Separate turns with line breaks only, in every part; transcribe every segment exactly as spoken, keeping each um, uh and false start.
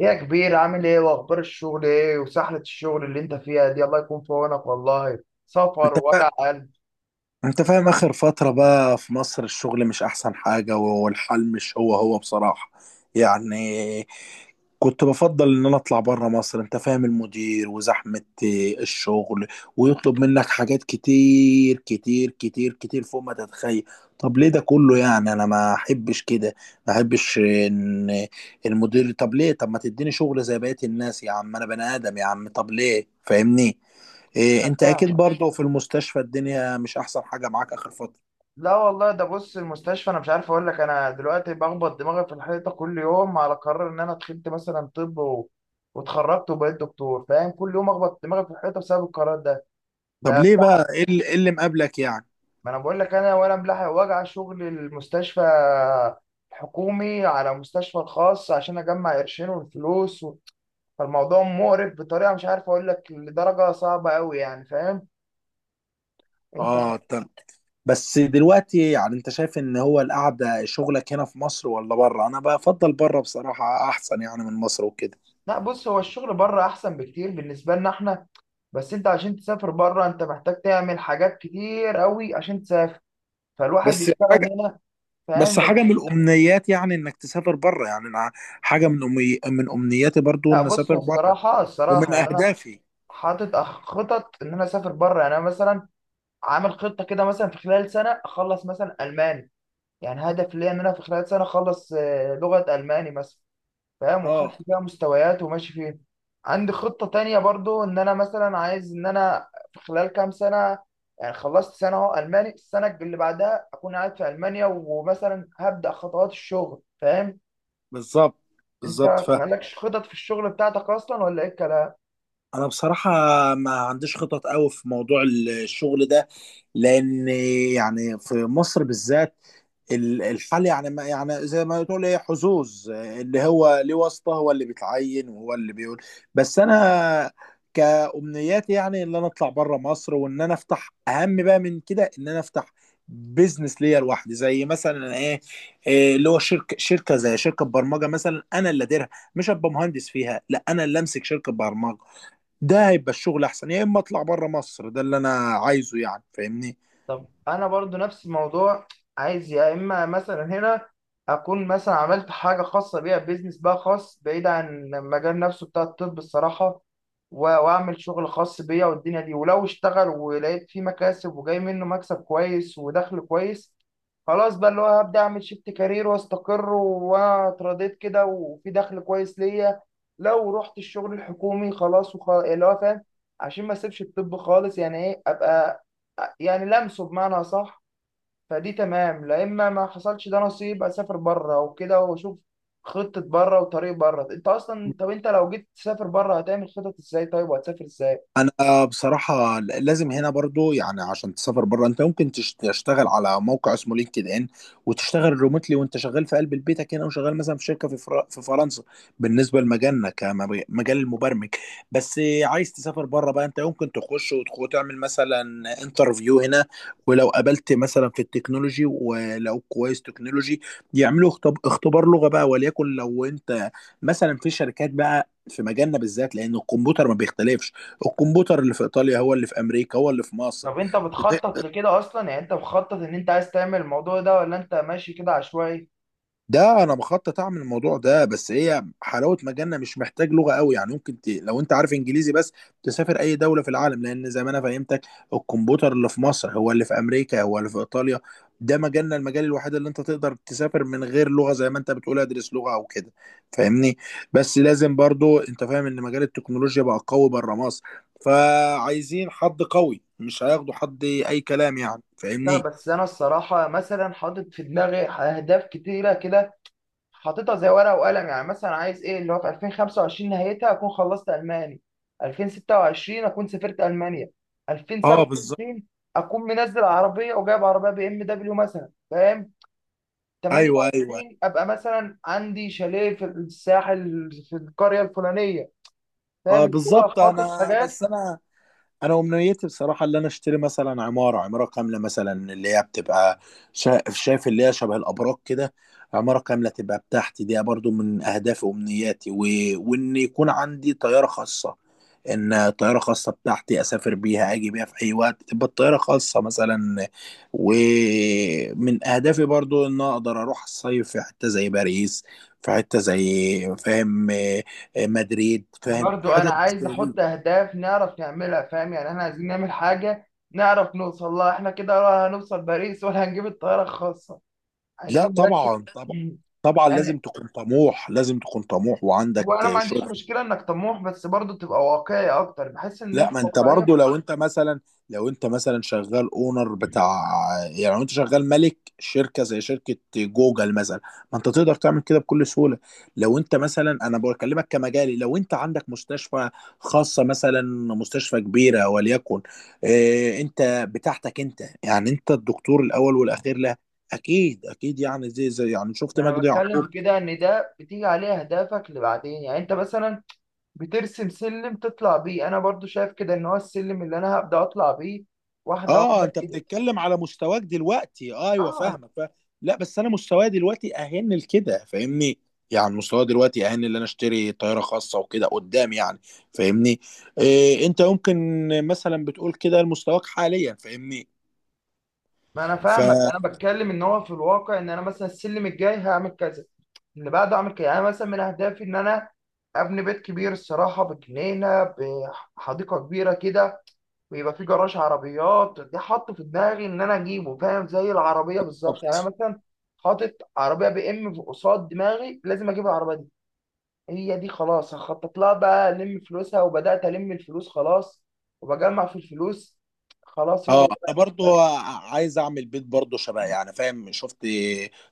ايه يا كبير، عامل ايه؟ واخبار الشغل ايه وسحلة الشغل اللي انت فيها دي؟ الله يكون في عونك والله. سفر
انت
ووجع قلب.
انت فاهم اخر فترة بقى في مصر الشغل مش احسن حاجة، والحال مش هو هو بصراحة. يعني كنت بفضل ان انا اطلع بره مصر، انت فاهم، المدير وزحمة الشغل ويطلب منك حاجات كتير كتير كتير كتير فوق ما تتخيل. طب ليه ده كله؟ يعني انا ما احبش كده، ما احبش ان المدير، طب ليه؟ طب ما تديني شغل زي بقية الناس يا عم، انا بني ادم يا عم، طب ليه؟ فاهمني إيه؟ انت اكيد
فاهمك.
برضه في المستشفى الدنيا مش احسن حاجه معاك اخر فتره.
لا والله، ده بص المستشفى انا مش عارف اقول لك. انا دلوقتي بخبط دماغي في الحيطه كل يوم على قرار ان انا دخلت مثلا طب و... واتخرجت وبقيت دكتور، فاهم؟ كل يوم اخبط دماغي في الحيطه بسبب القرار ده.
طب
لا،
ليه بقى؟ ايه اللي إيه اللي مقابلك يعني
ما انا بقول لك انا ولا ملاحق وجع شغل المستشفى الحكومي على مستشفى الخاص عشان اجمع قرشين والفلوس. فالموضوع مقرف بطريقه مش عارف اقول لك لدرجه صعبه قوي، يعني فاهم انت؟
اه طب، بس دلوقتي يعني انت شايف ان هو القعده شغلك هنا في مصر ولا بره؟ انا بفضل بره بصراحه، احسن يعني من مصر وكده.
لا بص، هو الشغل بره احسن بكتير بالنسبه لنا احنا. بس انت عشان تسافر بره انت محتاج تعمل حاجات كتير قوي عشان تسافر. فالواحد
بس
بيشتغل
حاجه
هنا، فاهم؟
بس حاجه من الامنيات يعني انك تسافر بره. يعني أنا حاجه من أمي من امنياتي برضو
لا
ان
بص،
اسافر
هو
بره،
الصراحه
ومن
الصراحه يعني انا
اهدافي.
حاطط أخ- خطط ان انا اسافر بره. يعني انا مثلا عامل خطه كده، مثلا في خلال سنه اخلص مثلا الماني. يعني هدف ليا ان انا في خلال سنه اخلص آه، لغه الماني مثلا. فاهم؟
اه
وخدت فيها مستويات وماشي فيها. عندي خطة تانية برضو، ان انا مثلا عايز ان انا في خلال كام سنة، يعني خلصت سنة اهو الماني، السنة اللي بعدها اكون قاعد في المانيا ومثلا هبدأ خطوات الشغل، فاهم؟
بالظبط بالظبط.
انت مالكش خطط في الشغل بتاعتك اصلا ولا ايه الكلام؟
انا بصراحة ما عنديش خطط قوي في موضوع الشغل ده، لان يعني في مصر بالذات ال- الحال يعني ما يعني زي ما تقول ايه، حظوظ، اللي هو ليه واسطة هو اللي بيتعين وهو اللي بيقول. بس انا كأمنياتي يعني ان انا اطلع بره مصر، وان انا افتح، اهم بقى من كده، ان انا افتح بيزنس ليا لوحدي، زي مثلا ايه إيه اللي هو شركه شركه زي شركه برمجه مثلا انا اللي اديرها، مش ابقى مهندس فيها، لا، انا اللي امسك شركه برمجه. ده هيبقى الشغل احسن، يا اما اطلع بره مصر، ده اللي انا عايزه، يعني فاهمني.
طب انا برضو نفس الموضوع. عايز يا اما مثلا هنا اكون مثلا عملت حاجه خاصه بيها، بيزنس بقى خاص بعيد عن المجال نفسه بتاع الطب الصراحه، و- واعمل شغل خاص بيا والدنيا دي، ولو اشتغل ولقيت فيه مكاسب وجاي منه مكسب كويس ودخل كويس، خلاص بقى اللي هو هبدا اعمل شيفت كارير واستقر واترضيت كده وفي دخل كويس ليا. لو رحت الشغل الحكومي خلاص، وخلاص اللي هو فاهم عشان ما اسيبش الطب خالص، يعني ايه، ابقى يعني لمسه بمعنى صح. فدي تمام. لا اما ما حصلش ده نصيب، اسافر بره وكده واشوف خطة بره وطريق بره. انت اصلا طب انت لو جيت تسافر بره هتعمل خطط ازاي طيب؟ وهتسافر ازاي؟
انا بصراحه لازم هنا برضو، يعني عشان تسافر بره انت ممكن تش- تشتغل على موقع اسمه لينكد ان، وتشتغل ريموتلي وانت شغال في قلب بيتك هنا، وشغال مثلا في شركه في فر- في فرنسا، بالنسبه لمجالنا كمجال المبرمج. بس عايز تسافر بره بقى، انت ممكن تخش وتخ- وتعمل مثلا انترفيو هنا، ولو قابلت مثلا في التكنولوجي ولو كويس تكنولوجي، يعملوا اختب- اختبار لغه بقى، وليكن لو انت مثلا في شركات بقى في مجالنا بالذات، لان الكمبيوتر ما بيختلفش، الكمبيوتر اللي في ايطاليا هو اللي في امريكا هو اللي في مصر.
طب انت بتخطط لكده اصلا؟ يعني انت مخطط ان انت عايز تعمل الموضوع ده، ولا انت ماشي كده عشوائي؟
ده انا بخطط اعمل الموضوع ده، بس هي حلاوه مجالنا مش محتاج لغه قوي، يعني ممكن ت... لو انت عارف انجليزي بس تسافر اي دوله في العالم، لان زي ما انا فهمتك، الكمبيوتر اللي في مصر هو اللي في امريكا هو اللي في ايطاليا. ده مجالنا، المجال الوحيد اللي انت تقدر تسافر من غير لغه، زي ما انت بتقول ادرس لغه او كده، فاهمني. بس لازم برضو انت فاهم ان مجال التكنولوجيا بقى قوي بره مصر، فعايزين حد قوي، مش هياخدوا حد اي كلام، يعني
لا
فاهمني.
بس انا الصراحة مثلا حاطط في دماغي اهداف كتيرة كده، حاططها زي ورقه وقلم. يعني مثلا عايز ايه اللي هو في ألفين وخمسة وعشرين نهايتها اكون خلصت الماني، ألفين وستة وعشرين اكون سافرت المانيا،
اه بالظبط.
ألفين وسبعة وعشرين اكون منزل عربيه وجايب عربيه بي ام دبليو مثلا، فاهم؟
ايوه ايوه.
ثمانية وعشرين ابقى مثلا عندي شاليه في الساحل في القريه الفلانيه. فاهم
اه
اللي هو
بالظبط.
خاطط
انا
حاجات.
بس انا انا امنيتي بصراحه اللي انا اشتري مثلا عماره، عماره كامله، مثلا اللي هي بتبقى، شا- شايف، اللي هي شبه الابراج كده، عماره كامله تبقى بتاعتي. دي برضو من اهدافي وامنياتي، و... وان يكون عندي طياره خاصه، ان طياره خاصه بتاعتي اسافر بيها، اجي بيها في اي وقت، تبقى الطياره خاصه مثلا. ومن اهدافي برضو ان اقدر اروح الصيف في حته زي باريس، في حته زي، فاهم، آه، آه، مدريد، فاهم،
برضو انا
حتت.
عايز احط اهداف نعرف نعملها، فاهم؟ يعني احنا عايزين نعمل حاجه نعرف نوصل لها احنا كده، ولا هنوصل باريس ولا هنجيب الطياره الخاصه؟
لا
عايزين
طبعا
نركز.
طبعا. طبعا
يعني
لازم تكون طموح، لازم تكون طموح وعندك
هو انا ما عنديش
شغل.
مشكله انك طموح، بس برضه تبقى واقعي اكتر، بحس ان
لا،
انت
ما انت
واقعيه.
برضو لو انت مثلا لو انت مثلا شغال اونر بتاع، يعني لو انت شغال مالك شركه زي شركه جوجل مثلا، ما انت تقدر تعمل كده بكل سهوله. لو انت مثلا، انا بكلمك كمجالي، لو انت عندك مستشفى خاصه مثلا، مستشفى كبيره وليكن، اه انت بتاعتك انت، يعني انت الدكتور الاول والاخير. لا، اكيد اكيد، يعني زي زي يعني شفت
ما انا
مجدي
بتكلم
يعقوب.
في كده، ان ده بتيجي عليه اهدافك لبعدين. يعني انت مثلا بترسم سلم تطلع بيه، انا برضو شايف كده ان هو السلم اللي انا هبدا اطلع بيه واحده
اه
واحده
انت
كده.
بتتكلم على مستواك دلوقتي. آه، ايوه
اه انا
فاهمك. ف... لا بس انا مستواي دلوقتي اهن لكده، فاهمني. يعني مستواي دلوقتي اهن ان انا اشتري طياره خاصه وكده قدام، يعني فاهمني. إيه، انت ممكن مثلا بتقول كده لمستواك حاليا، فاهمني.
ما انا
ف
فاهمك، انا بتكلم ان هو في الواقع ان انا مثلا السلم الجاي هعمل كذا، اللي بعده اعمل كده. يعني أنا مثلا من اهدافي ان انا ابني بيت كبير الصراحه، بجنينه، بحديقه كبيره كده، ويبقى في جراج عربيات. دي حاطه في دماغي ان انا اجيبه، فاهم؟ زي العربيه بالظبط. يعني انا مثلا حاطط عربيه بي ام في قصاد دماغي، لازم اجيب العربيه دي. هي دي خلاص هخطط لها بقى، الم فلوسها، وبدات الم الفلوس خلاص وبجمع في الفلوس. خلاص
اه
هو.
انا برضو ع- عايز اعمل بيت برضو شبه، يعني فاهم، شفت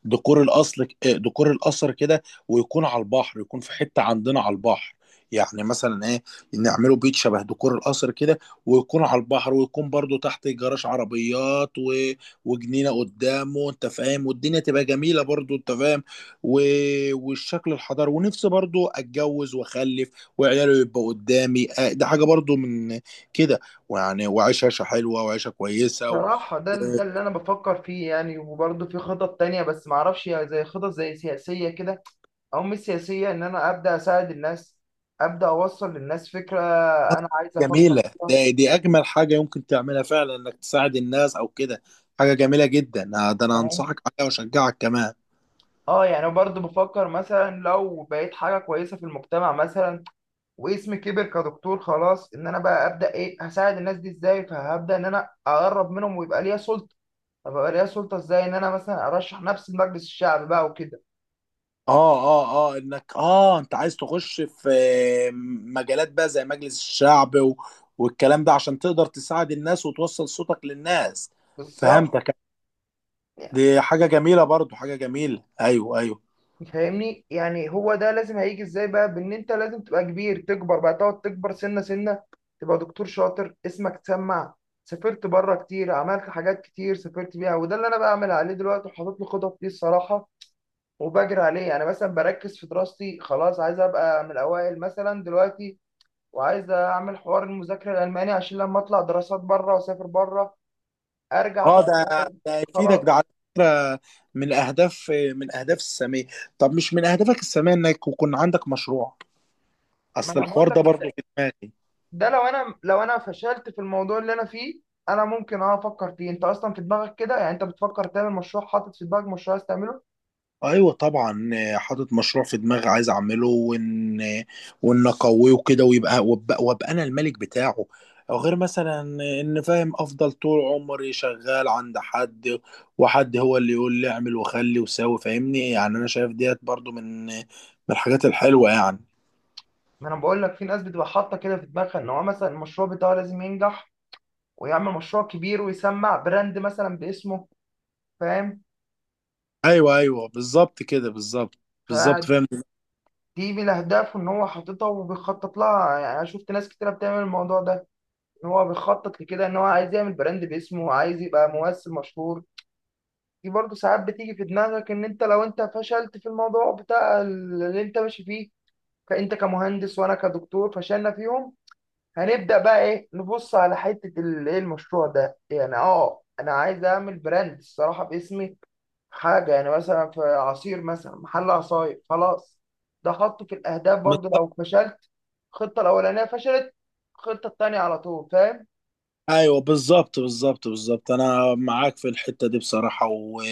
ديكور الاصل، ديكور القصر كده، ويكون على البحر، يكون في حتة عندنا على البحر، يعني مثلا ايه، نعمله بيت شبه ديكور القصر كده، ويكون على البحر، ويكون برضو تحت جراج عربيات، و... وجنينة قدامه، انت فاهم، والدنيا تبقى جميلة برضو، انت فاهم. و... والشكل الحضاري. ونفسي برضو اتجوز واخلف، وعياله يبقى قدامي، آه، ده حاجة برضو من كده. ويعني وعيش عيشه حلوه وعيشه كويسه و...
صراحة ده ال- ده اللي أنا بفكر فيه. يعني وبرضه في خطط تانية بس معرفش، يعني زي خطط زي سياسية كده، أو مش سياسية، إن أنا أبدأ أساعد الناس، أبدأ أوصل للناس فكرة
آه،
أنا عايز
جميله.
أفكر فيها.
ده دي اجمل حاجه يمكن تعملها فعلا، انك تساعد الناس او كده، حاجه جميله جدا، آه، ده انا
تمام؟
انصحك عليها واشجعك كمان.
اه يعني برضه بفكر مثلا لو بقيت حاجه كويسه في المجتمع مثلا، واسمي كبر كدكتور خلاص، ان انا بقى ابدا ايه، هساعد الناس دي ازاي؟ فهبدا ان انا اقرب منهم ويبقى ليا سلطه. طب يبقى ليا سلطه ازاي؟ ان انا مثلا ارشح نفسي لمجلس الشعب بقى وكده.
اه اه اه، انك اه انت عايز تخش في مجالات بقى زي مجلس الشعب و... والكلام ده، عشان تقدر تساعد الناس وتوصل صوتك للناس.
بالظبط.
فهمتك،
يعني
دي حاجه جميله برضو، حاجه جميله، ايوه ايوه.
فاهمني؟ يعني هو ده لازم هيجي ازاي بقى، بان انت لازم تبقى كبير، تكبر بقى، تقعد تكبر سنه سنه، تبقى دكتور شاطر، اسمك تسمع، سافرت بره كتير، عملت حاجات كتير سافرت بيها. وده اللي انا بعمل عليه دلوقتي وحاطط له خطط ليه الصراحه، وبجري عليه. انا مثلا بركز في دراستي خلاص، عايز ابقى من الاوائل مثلا دلوقتي، وعايز اعمل حوار المذاكره الالماني عشان لما اطلع دراسات بره واسافر بره، ارجع
اه
بقى
ده، ده يفيدك، ده
خلاص.
على فكره من اهداف من اهداف الساميه. طب مش من اهدافك الساميه انك يكون عندك مشروع؟
ما
اصل
انا بقول
الحوار ده
لك،
برضه في دماغي.
ده لو انا لو انا فشلت في الموضوع اللي انا فيه، انا ممكن اه افكر فيه. انت اصلا في دماغك كده؟ يعني انت بتفكر تعمل مشروع، حاطط في دماغك مشروع عايز تعمله؟
ايوه طبعا، آه، حاطط مشروع في دماغي عايز اعمله، وان وان اقويه كده، ويبقى وابقى, وابقى انا الملك بتاعه. او غير مثلا، ان، فاهم، افضل طول عمري شغال عند حد، وحد هو اللي يقول لي اعمل وخلي وساوي، فاهمني، يعني انا شايف ديت برضو من من الحاجات الحلوه يعني.
ما انا بقول لك، في ناس بتبقى حاطه كده في دماغها ان هو مثلا المشروع بتاعه لازم ينجح، ويعمل مشروع كبير ويسمع براند مثلا باسمه، فاهم؟
ايوه ايوه بالظبط كده، بالظبط بالظبط، فاهم،
دي من الاهداف ان هو حاططها وبيخطط لها. يعني انا شفت ناس كتيره بتعمل الموضوع ده، ان هو بيخطط لكده، ان هو عايز يعمل براند باسمه، عايز يبقى ممثل مشهور. دي برضه ساعات بتيجي في دماغك ان انت لو انت فشلت في الموضوع بتاع اللي انت ماشي فيه، فانت كمهندس وانا كدكتور فشلنا فيهم، هنبدا بقى ايه، نبص على حته ال- ايه المشروع ده. يعني اه انا عايز اعمل براند الصراحه باسمي، حاجة يعني مثلا في عصير، مثلا محل عصاير خلاص. ده حطه في الأهداف برضو
بالظبط.
لو فشلت الخطة الأولانية، فشلت، الخطة التانية على طول، فاهم؟
ايوه بالظبط بالظبط بالظبط، انا معاك في الحته دي بصراحه، و...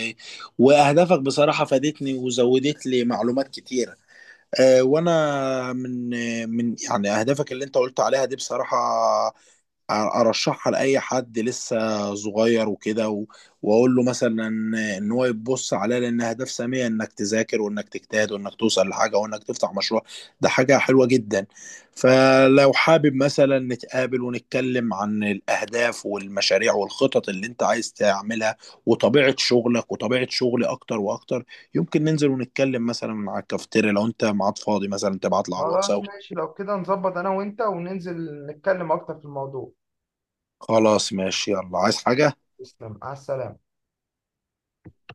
واهدافك بصراحه فادتني وزودت لي معلومات كتيره. أه، وانا من من يعني اهدافك اللي انت قلت عليها دي بصراحه ارشحها لاي حد لسه صغير وكده و- واقول له مثلا ان هو يبص عليها، لان اهداف ساميه انك تذاكر وانك تجتهد وانك توصل لحاجه وانك تفتح مشروع، ده حاجه حلوه جدا. فلو حابب مثلا نتقابل ونتكلم عن الاهداف والمشاريع والخطط اللي انت عايز تعملها، وطبيعه شغلك وطبيعه شغلي، اكتر واكتر، يمكن ننزل ونتكلم مثلا على الكافتيريا، لو انت ميعاد فاضي مثلا تبعت لي على
خلاص
الواتساب.
ماشي، لو كده نظبط أنا وأنت وننزل نتكلم أكتر في الموضوع.
خلاص ماشي، يلا، عايز حاجه؟
تسلم على السلامة.